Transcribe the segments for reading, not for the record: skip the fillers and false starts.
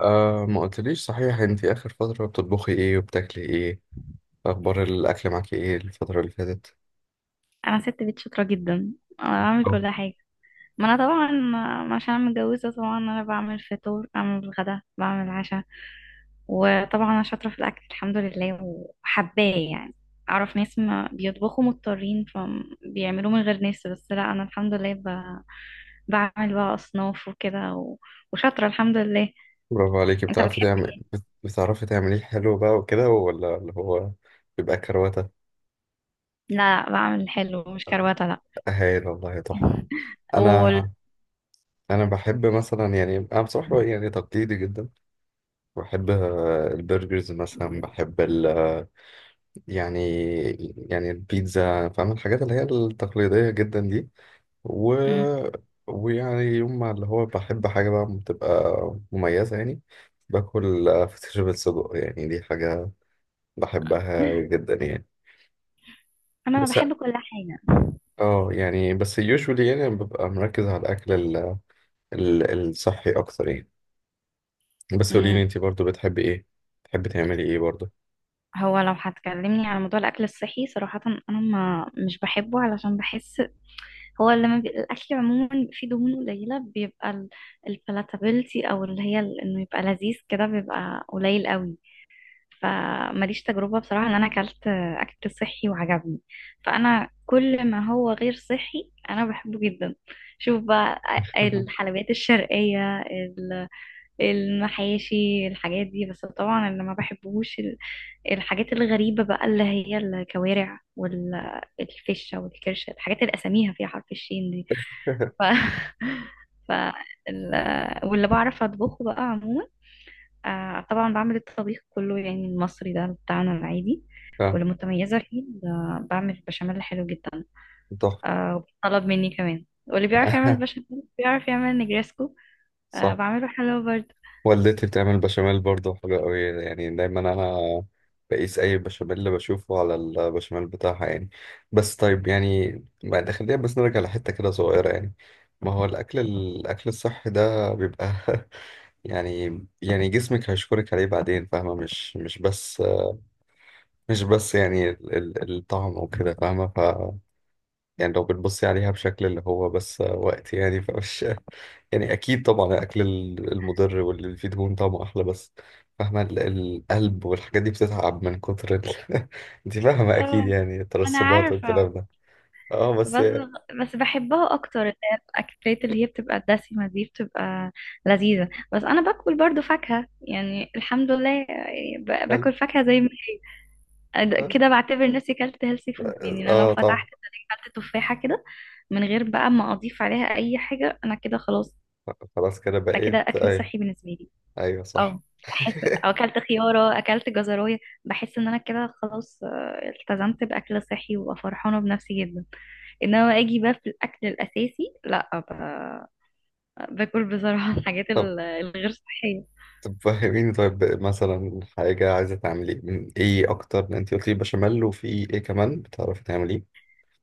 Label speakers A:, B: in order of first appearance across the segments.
A: آه، ما قلتليش صحيح، انت اخر فترة بتطبخي ايه وبتاكلي ايه؟ اخبار الاكل معاكي ايه الفترة اللي فاتت؟
B: انا ست بيت شاطره جدا. انا بعمل
A: أو.
B: كل حاجه. ما انا طبعا عشان انا متجوزه. طبعا انا بعمل فطور، بعمل غدا، بعمل عشاء. وطبعا انا شاطره في الاكل الحمد لله وحباه يعني. اعرف ناس ما بيطبخوا مضطرين فبيعملوه من غير ناس، بس لا انا الحمد لله بعمل بقى اصناف وكده وشاطره الحمد لله.
A: برافو عليكي،
B: انت
A: بتعرفي
B: بتحب
A: تعمل
B: إيه؟
A: بتعرفي تعمليه حلو بقى وكده، ولا اللي هو بيبقى كروتة؟
B: لا بعمل حلو مش كروته، لا.
A: هايل والله، تحفة.
B: وال...
A: انا انا بحب مثلا، يعني انا بصراحة يعني تقليدي جدا. بحب البرجرز مثلا، بحب ال آه، يعني، البيتزا، فاهم الحاجات اللي هي التقليدية جدا دي. و...
B: م.
A: ويعني يوم ما اللي هو بحب حاجة بقى بتبقى مميزة يعني. باكل فسيخ بالسجق، يعني دي حاجة بحبها جدا يعني.
B: انا
A: بس
B: بحب كل حاجه.
A: اه، يعني بس usually يعني ببقى مركز على الأكل الصحي أكتر يعني. بس قوليلي انتي برضو بتحبي ايه؟ بتحبي تعملي ايه برضو؟
B: هو لو هتكلمني على موضوع الاكل الصحي صراحه، انا ما مش بحبه علشان بحس هو لما الاكل عموما بيبقى فيه دهون قليله، بيبقى البلاتابيلتي او اللي هي انه يبقى لذيذ كده بيبقى قليل قوي. فماليش تجربه بصراحه ان انا اكلت اكل صحي وعجبني. فانا كل ما هو غير صحي انا بحبه جدا. شوف بقى، الحلويات الشرقيه المحاشي، الحاجات دي. بس طبعا اللي ما بحبوش الحاجات الغريبة بقى اللي هي الكوارع والفشة والكرشة، الحاجات اللي أساميها فيها حرف الشين دي. ف... ف... ال... واللي بعرف أطبخه بقى عموما، طبعا بعمل الطبيخ كله يعني المصري ده بتاعنا العادي.
A: اه،
B: والمتميزة فيه بعمل بشاميل حلو جدا.
A: تحفة.
B: وطلب مني كمان. واللي بيعرف يعمل بشاميل بيعرف يعمل نجريسكو. آه
A: صح.
B: بعمله حلو برضه.
A: والدتي بتعمل بشاميل برضه حلو قوي، يعني دايما انا بقيس اي بشاميل اللي بشوفه على البشاميل بتاعها يعني. بس طيب يعني، بعد خلينا بس نرجع لحتة كده صغيرة يعني. ما هو الاكل الصحي ده بيبقى، يعني جسمك هيشكرك عليه بعدين، فاهمة؟ مش بس، مش بس يعني الطعم وكده، فاهمة؟ يعني لو بتبصي عليها بشكل اللي هو بس وقت يعني، فمش يعني أكيد طبعا الأكل المضر واللي فيه دهون طعمه أحلى، بس فاهمة القلب والحاجات دي بتتعب من كتر أنت فاهمة أكيد
B: اه،
A: يعني،
B: أنا
A: الترسبات
B: عارفة.
A: والكلام ده. أه بس
B: بس بس بحبها اكتر اللي هي الاكلات اللي هي بتبقى الدسمه دي. بتبقى لذيذه بس انا باكل برضو فاكهه يعني الحمد لله، يعني
A: هل
B: باكل فاكهه زي ما هي
A: هل-
B: كده. بعتبر نفسي كلت هيلثي فود، يعني انا لو
A: أه طبعا.
B: فتحت كلت تفاحه كده من غير بقى ما اضيف عليها اي حاجه، انا كده خلاص.
A: خلاص كده
B: ده كده
A: بقيت
B: اكل
A: أيوه.
B: صحي بالنسبه لي.
A: أيوه صح.
B: اه، احس او اكلت خياره، اكلت جزرايه، بحس ان انا كده خلاص التزمت باكل صحي وببقى فرحانه بنفسي جدا. انما اجي بقى في الاكل الاساسي لا باكل بصراحه الحاجات
A: طب
B: الغير صحيه.
A: طب فهميني، طيب مثلا حاجة عايزة تعملي من إيه أكتر؟ أنت قلتي بشاميل، وفي إيه كمان بتعرفي تعمليه؟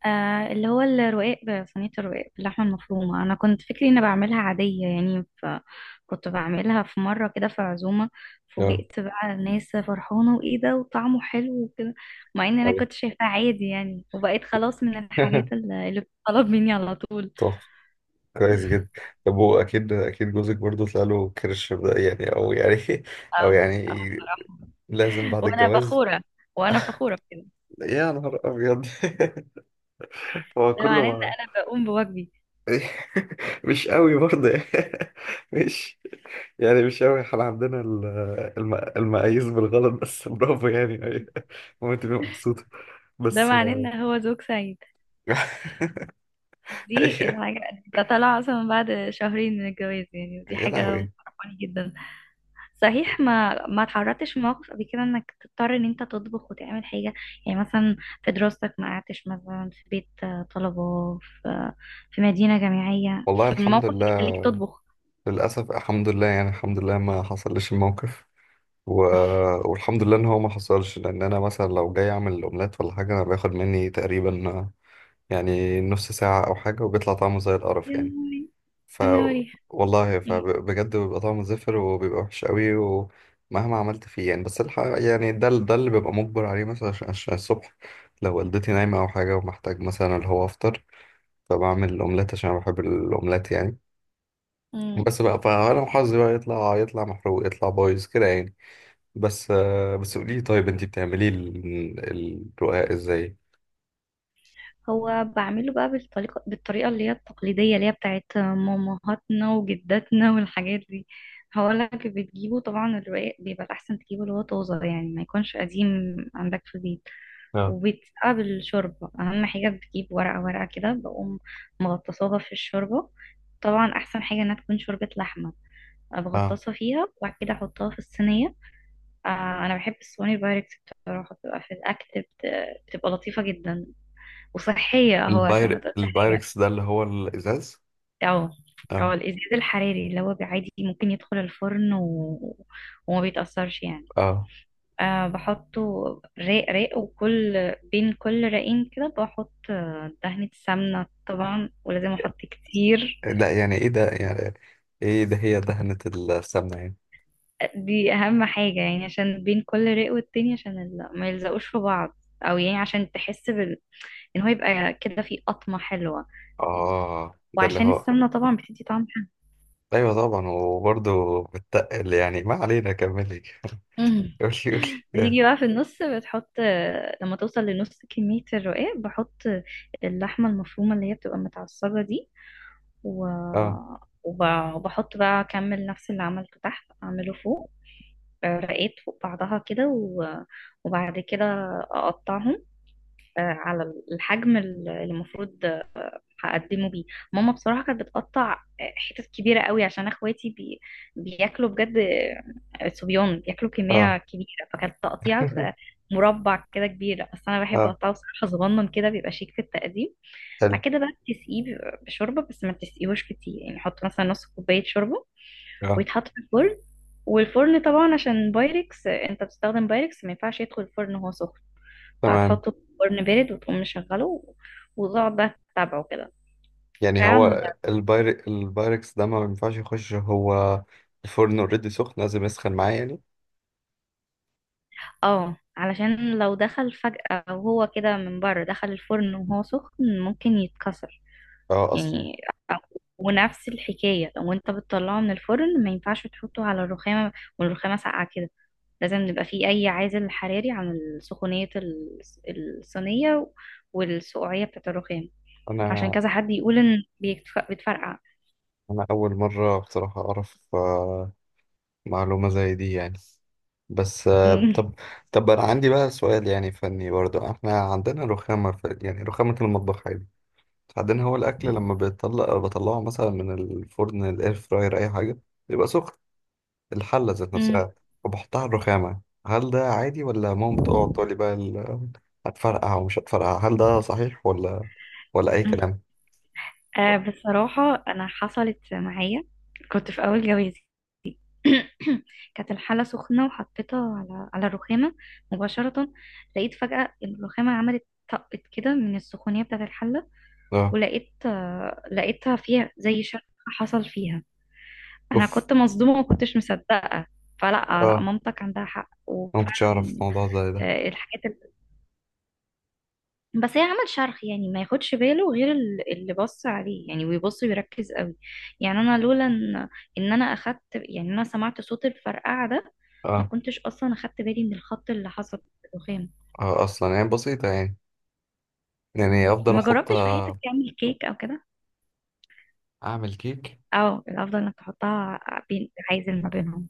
B: آه اللي هو الرقاق صينيه الرقاق باللحمه المفرومه. انا كنت فكري اني بعملها عاديه يعني، فكنت بعملها في مره كده في عزومه.
A: أه،
B: فوجئت بقى الناس فرحانه، وايه ده وطعمه حلو وكده، مع ان انا
A: عارف.
B: كنت شايفاه عادي يعني. وبقيت خلاص من الحاجات اللي بتطلب مني على طول.
A: طب، كويس جدا. طب هو اكيد اكيد جوزك برضه طلع له كرش ده يعني، او يعني او
B: اه اه،
A: يعني
B: بصراحه
A: لازم بعد
B: وانا
A: الجواز.
B: فخوره. وانا فخوره بكده.
A: يا نهار ابيض. هو
B: ده
A: كله
B: معناه ان
A: ما
B: انا بقوم بواجبي.
A: مش قوي برضه يعني. مش يعني مش قوي، احنا عندنا المقاييس بالغلط، بس برافو يعني، ايوه ممكن تبقى مبسوطة
B: ده
A: بس.
B: معناه ان هو زوج سعيد. دي
A: ايوه.
B: الحاجة. ده طلع اصلا من بعد شهرين من الجواز يعني، ودي
A: يا
B: حاجة
A: لهوي.
B: مفرحاني جدا. صحيح ما اتعرضتش في موقف قبل كده انك تضطر ان انت تطبخ وتعمل حاجة؟ يعني مثلا في دراستك ما قعدتش مثلا في بيت طلبة، في مدينة جامعية
A: والله
B: في
A: الحمد
B: الموقف اللي
A: لله،
B: يخليك تطبخ؟
A: للأسف الحمد لله يعني، الحمد لله ما حصلش الموقف. و... والحمد لله ان هو ما حصلش، لان انا مثلا لو جاي اعمل اومليت ولا حاجه انا بياخد مني تقريبا يعني نص ساعه او حاجه، وبيطلع طعمه زي القرف
B: يا
A: يعني.
B: نهاري،
A: ف
B: يا نهاري.
A: والله فبجد بيبقى طعمه زفر وبيبقى وحش قوي، ومهما عملت فيه يعني. بس الحقيقه يعني ده ده اللي ببقى مجبر عليه مثلا، عشان الصبح لو والدتي نايمه او حاجه ومحتاج مثلا اللي هو افطر، فبعمل اومليت عشان أنا بحب الاومليت يعني.
B: مم.
A: بس بقى، فانا وحظي بقى يطلع محروق، يطلع بايظ كده يعني. بس آه، بس قولي لي طيب انت بتعملي الرقاق ازاي؟
B: هو بعمله بقى بالطريقة اللي هي التقليدية اللي هي بتاعت مامهاتنا وجداتنا والحاجات دي. هقول لك، بتجيبه طبعا الرقاق بيبقى الأحسن تجيبه اللي هو طازة يعني، ما يكونش قديم عندك في البيت.
A: اه.
B: وبتسقى بالشوربة. أهم حاجة بتجيب ورقة ورقة كده، بقوم مغطساها في الشوربة. طبعا أحسن حاجة إنها تكون شوربة لحمة.
A: اه.
B: بغطسها فيها وبعد كده أحطها في الصينية. آه أنا بحب الصواني البايركس بصراحة، بتبقى في الأكل بتبقى لطيفة جدا وصحية اهو عشان ما
A: الباير
B: تقولش حاجة.
A: البايركس ده اللي هو الازاز؟
B: اه. اه
A: اه.
B: الإزاز الحراري اللي هو عادي ممكن يدخل الفرن وما بيتأثرش يعني.
A: اه.
B: بحطه راق راق، وكل بين كل رقين كده بحط دهنة سمنة طبعا، ولازم أحط كتير.
A: لا، يعني ايه ده يعني؟ ايه ده؟ هي دهنة السمنة يعني؟
B: دي أهم حاجة يعني، عشان بين كل راق والتاني، عشان ما يلزقوش في بعض. أو يعني عشان تحس إن هو يبقى كده فيه قطمة حلوة.
A: اه ده اللي
B: وعشان
A: هو،
B: السمنة طبعا بتدي طعم
A: ايوه طبعا، وبرضه بتتقل يعني، ما علينا كملي.
B: حلو.
A: قولي، قولي.
B: بيجي بقى في النص بتحط، لما توصل لنص كمية الرقاق بحط اللحمة المفرومة اللي هي بتبقى متعصجة دي. و...
A: اه.
B: وبحط بقى، أكمل نفس اللي عملته تحت أعمله فوق. رقات فوق بعضها كده، وبعد كده أقطعهم على الحجم اللي المفروض هقدمه بيه. ماما بصراحة كانت بتقطع حتت كبيرة قوي عشان اخواتي بياكلوا بجد. صبيان بياكلوا
A: اه.
B: كمية كبيرة، فكانت التقطيعة بتبقى مربع كده كبير. بس انا بحب
A: اه،
B: اقطعه صراحة صغنن كده، بيبقى شيك في التقديم.
A: حلو.
B: بعد كده بقى بتسقيه بشوربة، بس ما تسقيهوش كتير يعني، حط مثلا نص كوباية شوربة.
A: اه
B: ويتحط في الفرن. والفرن طبعا عشان بايركس انت بتستخدم بايركس ما ينفعش يدخل الفرن وهو سخن،
A: تمام.
B: فهتحطه في فرن بارد وتقوم مشغله، وتقعد بقى تتابعه كده.
A: يعني
B: فعلا.
A: هو الباير البايركس ده ما ينفعش يخش هو الفرن اوريدي سخن، لازم يسخن معاه يعني؟
B: اه علشان لو دخل فجأة وهو كده من بره، دخل الفرن وهو سخن ممكن يتكسر
A: اه اصلا.
B: يعني. ونفس الحكاية لو انت بتطلعه من الفرن ما ينفعش تحطه على الرخامة والرخامة ساقعة كده. لازم يبقى فيه أي عازل حراري عن سخونية الصينية والسقوعية بتاعة الرخام. عشان
A: انا
B: كذا حد يقول إن بتفرقع.
A: انا اول مره بصراحه اعرف آه، معلومه زي دي يعني. بس آه، طب انا عندي بقى سؤال يعني فني برضو. احنا عندنا رخامه في يعني رخامه المطبخ عادي عندنا. هو الاكل لما بيطلع، بطلعه مثلا من الفرن، الاير فراير، اي حاجه، بيبقى سخن الحله ذات نفسها، وبحطها على الرخامه. هل ده عادي، ولا ماما بتقعد تقول لي بقى هتفرقع ومش هتفرقع؟ هل ده صحيح، ولا اي كلام؟
B: آه بصراحة أنا حصلت معايا، كنت في أول جوازي. كانت الحلة سخنة وحطيتها على الرخامة مباشرة، لقيت فجأة الرخامة عملت، طقت كده من السخونية بتاعة الحلة.
A: اه.
B: ولقيت لقيتها فيها زي شرخ حصل فيها. أنا
A: اوف.
B: كنت مصدومة وما كنتش مصدقة. فلا لا،
A: آه.
B: مامتك عندها حق
A: ما كنتش
B: وفعلا.
A: اعرف موضوع زي ده.
B: الحاجات، بس هي عمل شرح يعني ما ياخدش باله غير اللي بص عليه يعني، ويبص ويركز قوي. يعني انا لولا ان انا اخدت، يعني انا سمعت صوت الفرقعه ده، ما
A: اه،
B: كنتش اصلا اخدت بالي من الخط اللي حصل في الرخام.
A: آه اصلا يعني بسيطه يعني، يعني
B: مم.
A: افضل
B: ما
A: احط.
B: جربتش في حياتك تعمل كيك او كده؟
A: اعمل كيك؟
B: او الافضل انك تحطها بين عايزل ما بينهم.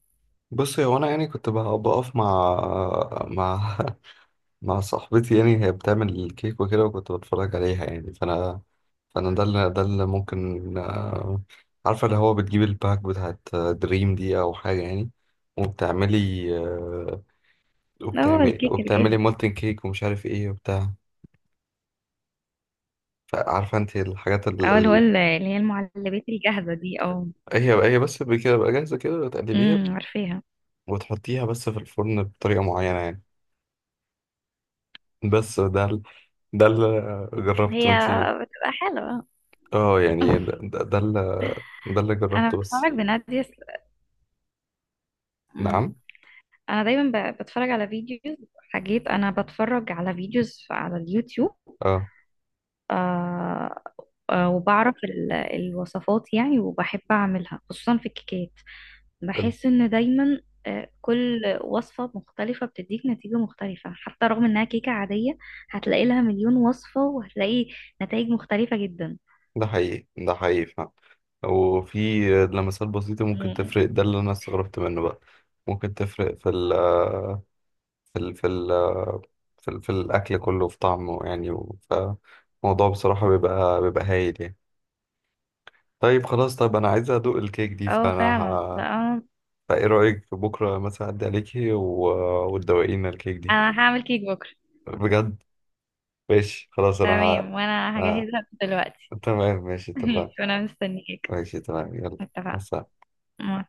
A: بص، هو انا يعني كنت بقف مع مع صاحبتي يعني، هي بتعمل الكيك وكده وكنت بتفرج عليها يعني. فانا ده اللي ممكن آه، عارفه اللي هو بتجيب الباك بتاعت دريم دي او حاجه يعني، وبتعملي آه،
B: اه، الكيك
A: وبتعملي
B: الجاهز
A: مولتن كيك ومش عارف ايه وبتاع. فعارفه انت الحاجات
B: او اللي هو اللي هي المعلبات الجاهزه دي او
A: هي، بس كده بقى جاهزه كده تقلبيها
B: عارفاها.
A: وتحطيها بس في الفرن بطريقة معينة يعني. بس ده ده اللي جربته
B: هي
A: انتي.
B: بتبقى حلوه.
A: اه يعني ده اللي
B: انا
A: جربته بس.
B: بتفرج بنادية.
A: نعم.
B: انا دايما بتفرج على فيديوز، حاجات انا بتفرج على فيديوز على اليوتيوب.
A: اه
B: آه وبعرف الوصفات يعني، وبحب اعملها خصوصا في الكيكات.
A: ال-
B: بحس ان دايما كل وصفة مختلفة بتديك نتيجة مختلفة، حتى رغم انها كيكة عادية هتلاقي لها مليون وصفة وهتلاقي نتائج مختلفة جدا.
A: ده حقيقي، ده حقيقي فعلا. وفي لمسات بسيطة ممكن
B: مم.
A: تفرق، ده اللي أنا استغربت منه بقى. ممكن تفرق في ال في ال في ال في, ال في الأكل كله في طعمه يعني. فالموضوع بصراحة بيبقى هايل يعني. طيب خلاص، طب أنا عايز أدوق الكيك دي،
B: اه
A: فأنا
B: فعلا ده انا.
A: فايه رأيك بكرة مثلا أعدي عليكي وتدوقينا الكيك دي؟
B: أنا هعمل كيك بكرة.
A: بجد. ماشي، خلاص، أنا
B: تمام وانا
A: آه.
B: هجهزها دلوقتي.
A: تمام، ماشي، اتفقنا.
B: ماشي وانا مستنيك.
A: ماشي تمام، يلا،
B: اتفقنا.
A: مع السلامة.
B: مع السلامة.